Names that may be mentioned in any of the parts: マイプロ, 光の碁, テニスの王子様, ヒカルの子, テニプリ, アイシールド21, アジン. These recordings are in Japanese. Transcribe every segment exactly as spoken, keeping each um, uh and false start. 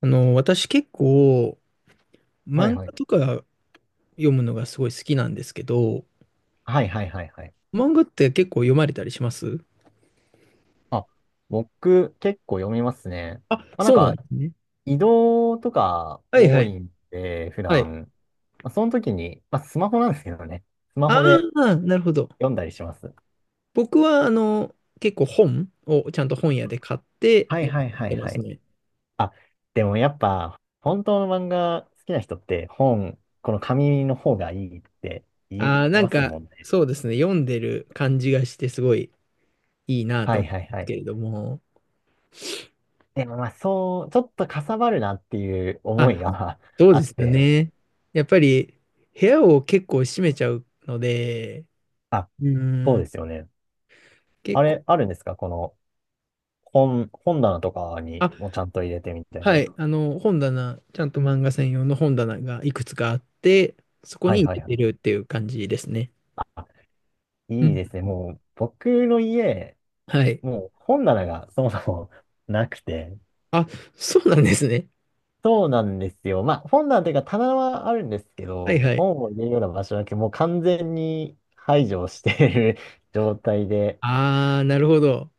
あの、私結構はい漫は画い。とか読むのがすごい好きなんですけど、はいはいはいはい。漫画って結構読まれたりします？あ、僕結構読みますね。あ、まあ、なんそうなんかですね。移動とかはいは多いい。んで、普はい。段。まあ、その時に、まあ、スマホなんですけどね。スマあホであ、なるほど。読んだりします。僕はあの、結構本をちゃんと本屋で買ってはい読はいんはいでまはすい。ね。あ、でもやっぱ本当の漫画好きな人って、本、この紙の方がいいって言ああ、いなんますかもんね。そうですね。読んでる感じがしてすごいいいなはとい思はうんいではすけい。れども。でもまあそう、ちょっとかさばるなっていうあ、思いが そ うあでっすよて。ね。やっぱり部屋を結構閉めちゃうので、あ、うそーうでん、すよね。結あ構。れ、あるんですか、この、本、本棚とかあ、にもちゃんと入れてみたいはな。い、あの、本棚、ちゃんと漫画専用の本棚がいくつかあって、そこはにい入はれいはい。てるっていう感じですね。あ、ういいん。ですね。もう、僕の家、はい。もう本棚がそもそも なくて。あ、そうなんですね。そうなんですよ。まあ、本棚というか棚はあるんですけはいど、はい。本を入れるような場所だけもう完全に排除している 状態で。ああ、なるほど。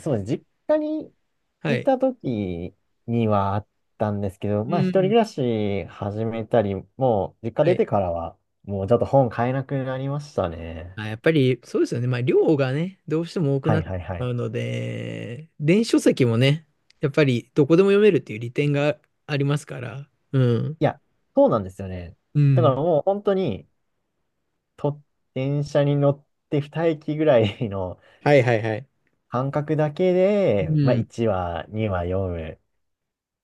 そうです。実家にはいい。た時にはあったんですけど、うまあ一人暮ん。らし始めたり、もう実家は出い。てからは、もうちょっと本買えなくなりましたね。まあ、やっぱりそうですよね。まあ、量がね、どうしても多くはないってはいしはまい。うので、電子書籍もね、やっぱりどこでも読めるっていう利点がありますから。うん。いや、そうなんですよね。うだからん。もう本当に、と、電車に乗って二駅ぐらいのはいはいはい。間隔だけうで、まあん。いちわ、にわ読む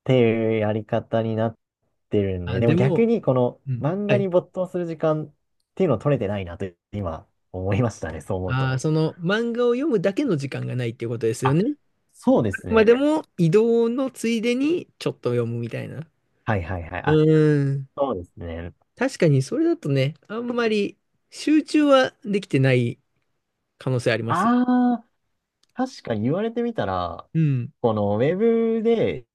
ていうやり方になってるんで、あ、でもで逆も、にこのうん。漫は画にい。没頭する時間っていうのを取れてないなと今思いましたね、そう思うああ、と。その漫画を読むだけの時間がないっていうことですよあ、ね。そうであすくまね。でも移動のついでにちょっと読むみたいな。はいはいはい。うあ、ーん。そうですね。確かにそれだとね、あんまり集中はできてない可能性ありますよ。ああ、確かに言われてみたら、うん。このウェブで、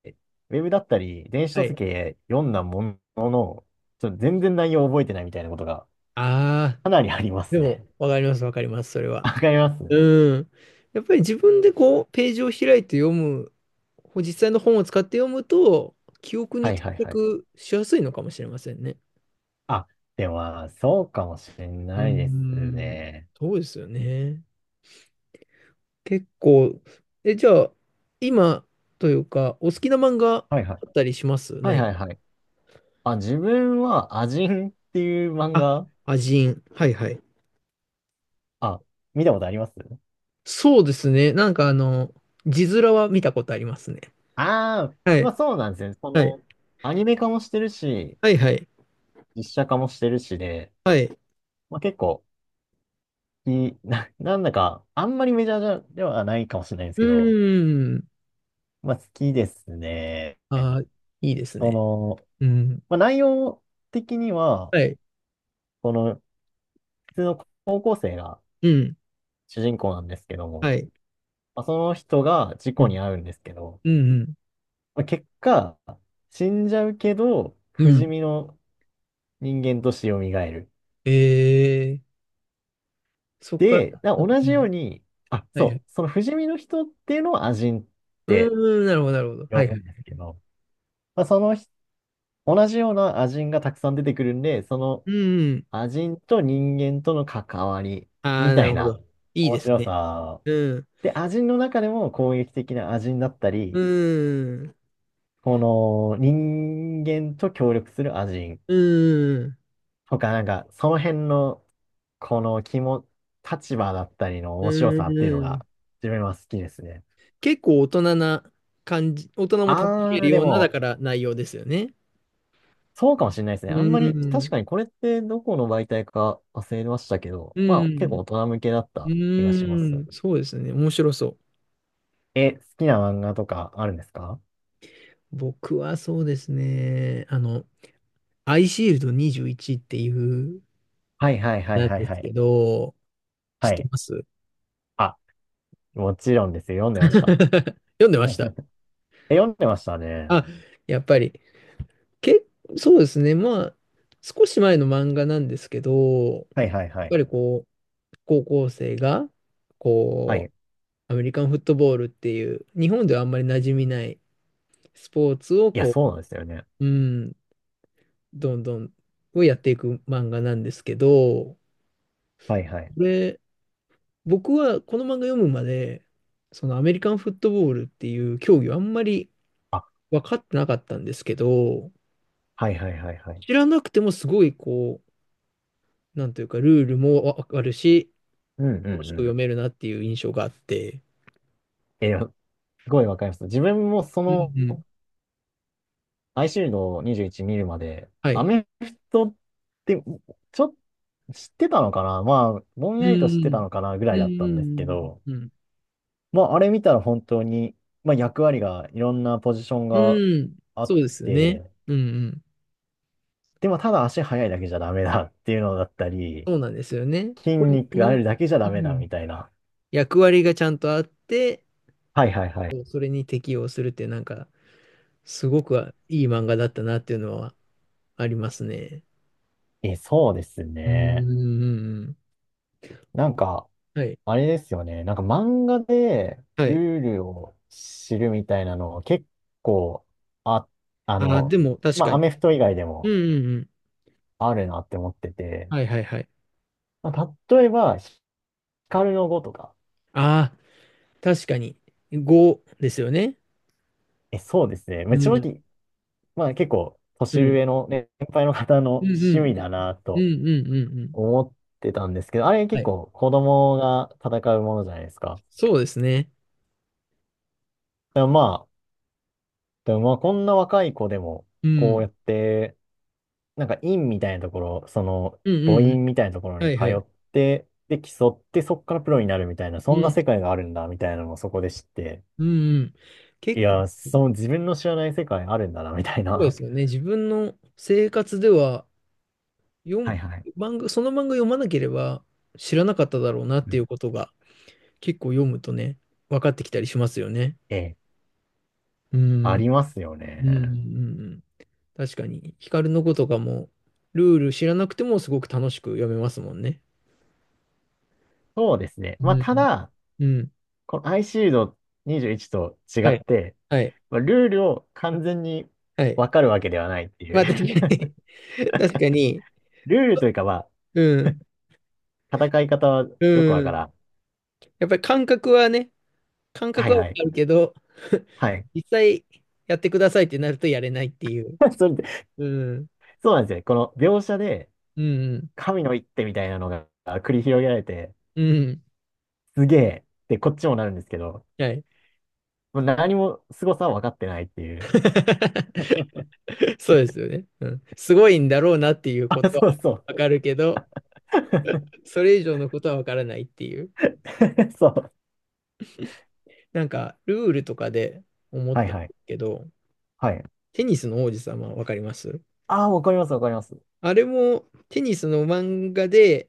ウェブだったり、電子は書い。籍で読んだものの、ちょっと全然内容を覚えてないみたいなことがああ、かなりありまですもね。わかります、わかります、それ は。わかります。うん。やっぱり自分でこう、ページを開いて読む、こう実際の本を使って読むと、記憶はにい定はいはい。着しやすいのかもしれませんね。あ、では、そうかもしれうーないですん。ね。そうですよね。結構、え、じゃあ、今というか、お好きな漫画あはいはい。ったりします？はい何はいか。はい。あ、自分は、アジンっていう漫あ、画、アジン。はいはい。あ、見たことあります？そうですね。なんかあの、字面は見たことありますね。ああー、はまい。あそうなんですね。そはい。の、アニメ化もしてるし、はいはい。実写化もしてるしで、はい。まあ結構、いい、な、なんだか、あんまりメジャーじゃではないかもしれないんですうけど、ーん。まあ好きですね。あー、いいですそね。の、うん。まあ内容的には、はい。この、普通の高校生がうん。主人公なんですけども、はい。まあその人が事う故にん。遭うんですけど、うん。まあ結果、死んじゃうけど、う不ん。う死ん。身の人間として蘇る。えー、そっかで、ら。だうん同うじようん。に、あ、はいはい。そう、その不死身の人っていうのをアジンっうてーん、なるほど、なるほど。は呼いはぶい。んですけど、まあ、そのひ同じようなアジンがたくさん出てくるんで、そのうん。アジンと人間との関わりあみあ、なたいるほなど。いい面です白ね。さ。うん。で、アジンの中でも攻撃的なアジンだったうり、ーん、この人間と協力するアジンうーん、とか、なんか、その辺の、この気も、立場だったりのう面白さっていうのーが、ん。自分は好きですね。結構大人な感じ、大人も楽しあめるー、でような、だも、から内容ですよね。そうかもしれないですね。うあんまり、ー確ん、かにこれってどこの媒体か忘れましたけど、うまあ、結ーん、構う大人向けだった気がします。ーん、そうですね。面白そう。え、好きな漫画とかあるんですか？僕はそうですね。あの、アイシールドにじゅういちっていう、はいはいはいなんはいではすい。けど、知っはてい。ます？ あ、もちろんですよ。読んでました。読んでまし た。え、読んでましたね。あ、やっぱり。け、そうですね。まあ、少し前の漫画なんですけど、やはいはいはっぱい。りこ、高校生が、はこう、い。アメリカンフットボールっていう、日本ではあんまり馴染みないスポーツを、いや、こそうなんですよね。う、うん、どんどん、をやっていく漫画なんですけど、はいはい。これ、僕はこの漫画読むまで、そのアメリカンフットボールっていう競技はあんまりあ、分かってなかったんですけど、はいはいはいはい。知らなくてもすごいこう、なんというか、ルールも分かるし、うんうん楽しうくん。読めるなっていう印象があって、えー、すごいわかります。自分もそうんの、うん。アイシールドにじゅういち見るまで、はアい。メフトって、ちょっと知ってたのかな、まあ、ぼんうやりと知ってたん。のかなぐうらいだったんですけん。ど、うん。うん。まあ、あれ見たら本当に、まあ、役割が、いろんなポジションうがん。あそっうですよね。て、うんうん。でもただ足速いだけじゃダメだっていうのだったり、そうなんですよね。筋これ肉あの、るだけじゃうダメだみん、たいな。役割がちゃんとあって、はいはいはい。こうそれに適応するって、なんか、すごくいい漫画だったなっていうのはありますね。え、そうですうん。うね。んうん。なんか、はい。あれですよね。なんか漫画ではい。ルールを知るみたいなの結構、あ、あああ、での、も確まかあ、アに。メフト以外でうんもうんうん。あるなって思ってて、はいはい。まあ、例えば、光の碁とか。あ、でも確かに。うんうんうん。はいはいはい。ああ、確かに。ごですよね。え、そうですね。まうあ、正ん。直、まあ、結構、う年ん。うん上のね、先輩の方のう趣ん味だなうんとうんうんうんうん。思ってたんですけど、あれは結い。構子供が戦うものじゃないですか。そうですね。でもまあ、でもまあ、こんな若い子でも、うん。うこうんやって、なんか院みたいなところ、その、うん五うん。院みたいなところには通いはい。って、で、競って、そっからプロになるみたいな、うそんなん。世界があるんだ、みたいなのをそこで知って、うんうん。い結構。や、その自分の知らない世界あるんだな、みたいそうでな。すよね。自分の生活では、読はむいはい。漫画、その漫画読まなければ知らなかっただろうなっうていん。うことが結構読むとね、分かってきたりしますよね。ええ、うありん。ますようんうんうね。んうん。確かに、ヒカルの子とかも、ルール知らなくてもすごく楽しく読めますもんね。そうですね。うまあ、たん。だ、うん。このアイシールドにじゅういちと違はっい。て、はい。まあ、ルールを完全にはい。わかるわけではないっていまう。あ、確かに、確かに、ルールというか、まうん。あ、戦い方はよくわうからん。ん。やっぱり感覚はね、感は覚いはわはかい。るけど、はい。実際やってくださいってなるとやれないっていう。それうん。そうなんですよね。この描写で、うん。神の一手みたいなのが繰り広げられて、うん。すげえってこっちもなるんですけど、はい。もう何も凄さは分かってないっていう。そうですよね。うん。すごいんだろうなっていうあ、ことはそうそう。わかるけど、それ以上のことはわからないっていう。そう。なんか、ルールとかで思っはいたんではい。すけど、はい。テニスの王子様わかります？ああ、わかります、わかります。あれもテニスの漫画で、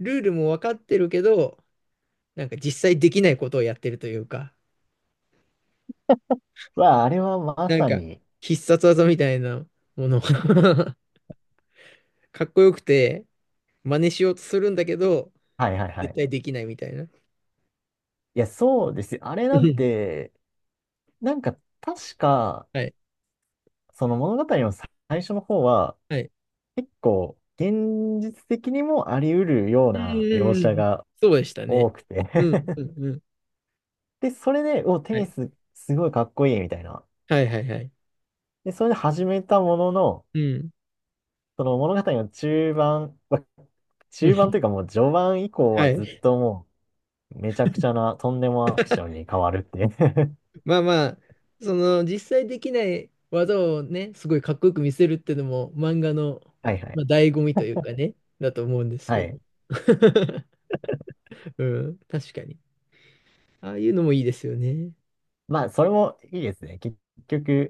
ルールもわかってるけど、なんか実際できないことをやってるというか、わあ、あれはまなんさか、に。必殺技みたいなもの かっこよくて、真似しようとするんだけど、はいはいは絶い。対できないみたいな。いや、そうですよ。あれうなんん。て、なんか確か、はい。その物語の最初の方は、はい。結構現実的にもあり得るよううんなうん描うん写うん。がそうでした多ね。くて うん うんうん。で、それで、お、テはニい。スすごいかっこいいみたいな。はいはいはい。で、それで始めたものの、うん。その物語の中盤、まう中盤といん うかもう序盤以降ははずっい。ともうめちゃくちゃなとんでもアクションに 変わるっていう。 まあまあ、その、実際できない技をね、すごいかっこよく見せるっていうのも、漫画の、はいはい。まあ、醍醐味というかね、だと思うんですはけど。い。うん、確かに。ああいうのもいいですよね。まあ、それもいいですね。結局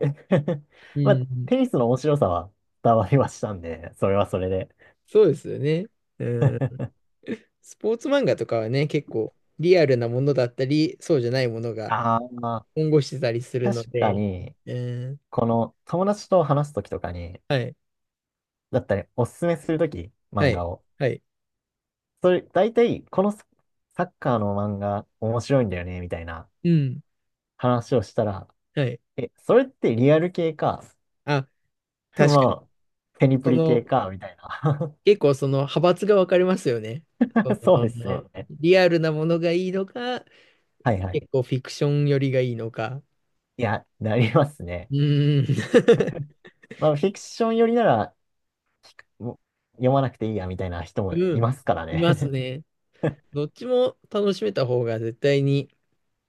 う まあ、ん。テニスの面白さは伝わりましたんで、それはそれで。そうですよね。うん。スポーツ漫画とかはね、結構リアルなものだったり、そうじゃないものがああ、まあ混合してたりする確のかで、に、うん。この友達と話すときとかに、はい。だったり、おすすめするとき、は漫画い。を。はい。それ、大体、このササッカーの漫画面白いんだよね、みたいなうん。話をしたら、はい。え、それってリアル系か、あ、確かに。まあ、テニプそリ系の、か、みたいな。結構その派閥が分かれますよね。そ そうですね。の、リアルなものがいいのか、はいはい。結構フィクション寄りがいいのか。いや、なりますね。うん。まあ、フィクション寄りなら、もう読まなくていいや、みたいな人もういん。ますからいますね。ね。どっちも楽しめた方が絶対に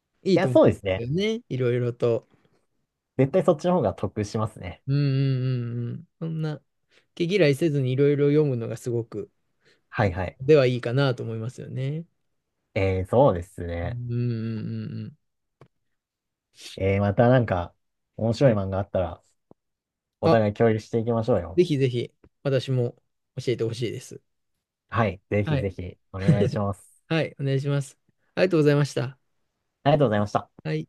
いいいとや、思そううんでですすね。よね。いろいろと。絶対そっちの方が得しますね。うんうんうんうん。そんな、毛嫌いせずにいろいろ読むのがすごく、はいはい。ではいいかなと思いますよね。えー、そうですうね。んうんうんうん。えー、またなんか、面は白いい。漫画あったら、おあ、互い共有していきましょうよ。ぜひぜひ、私も教えてほしいです。はい。ぜはひぜい。ひお願いします。はい、お願いします。ありがとうございました。ありがとうございました。はい。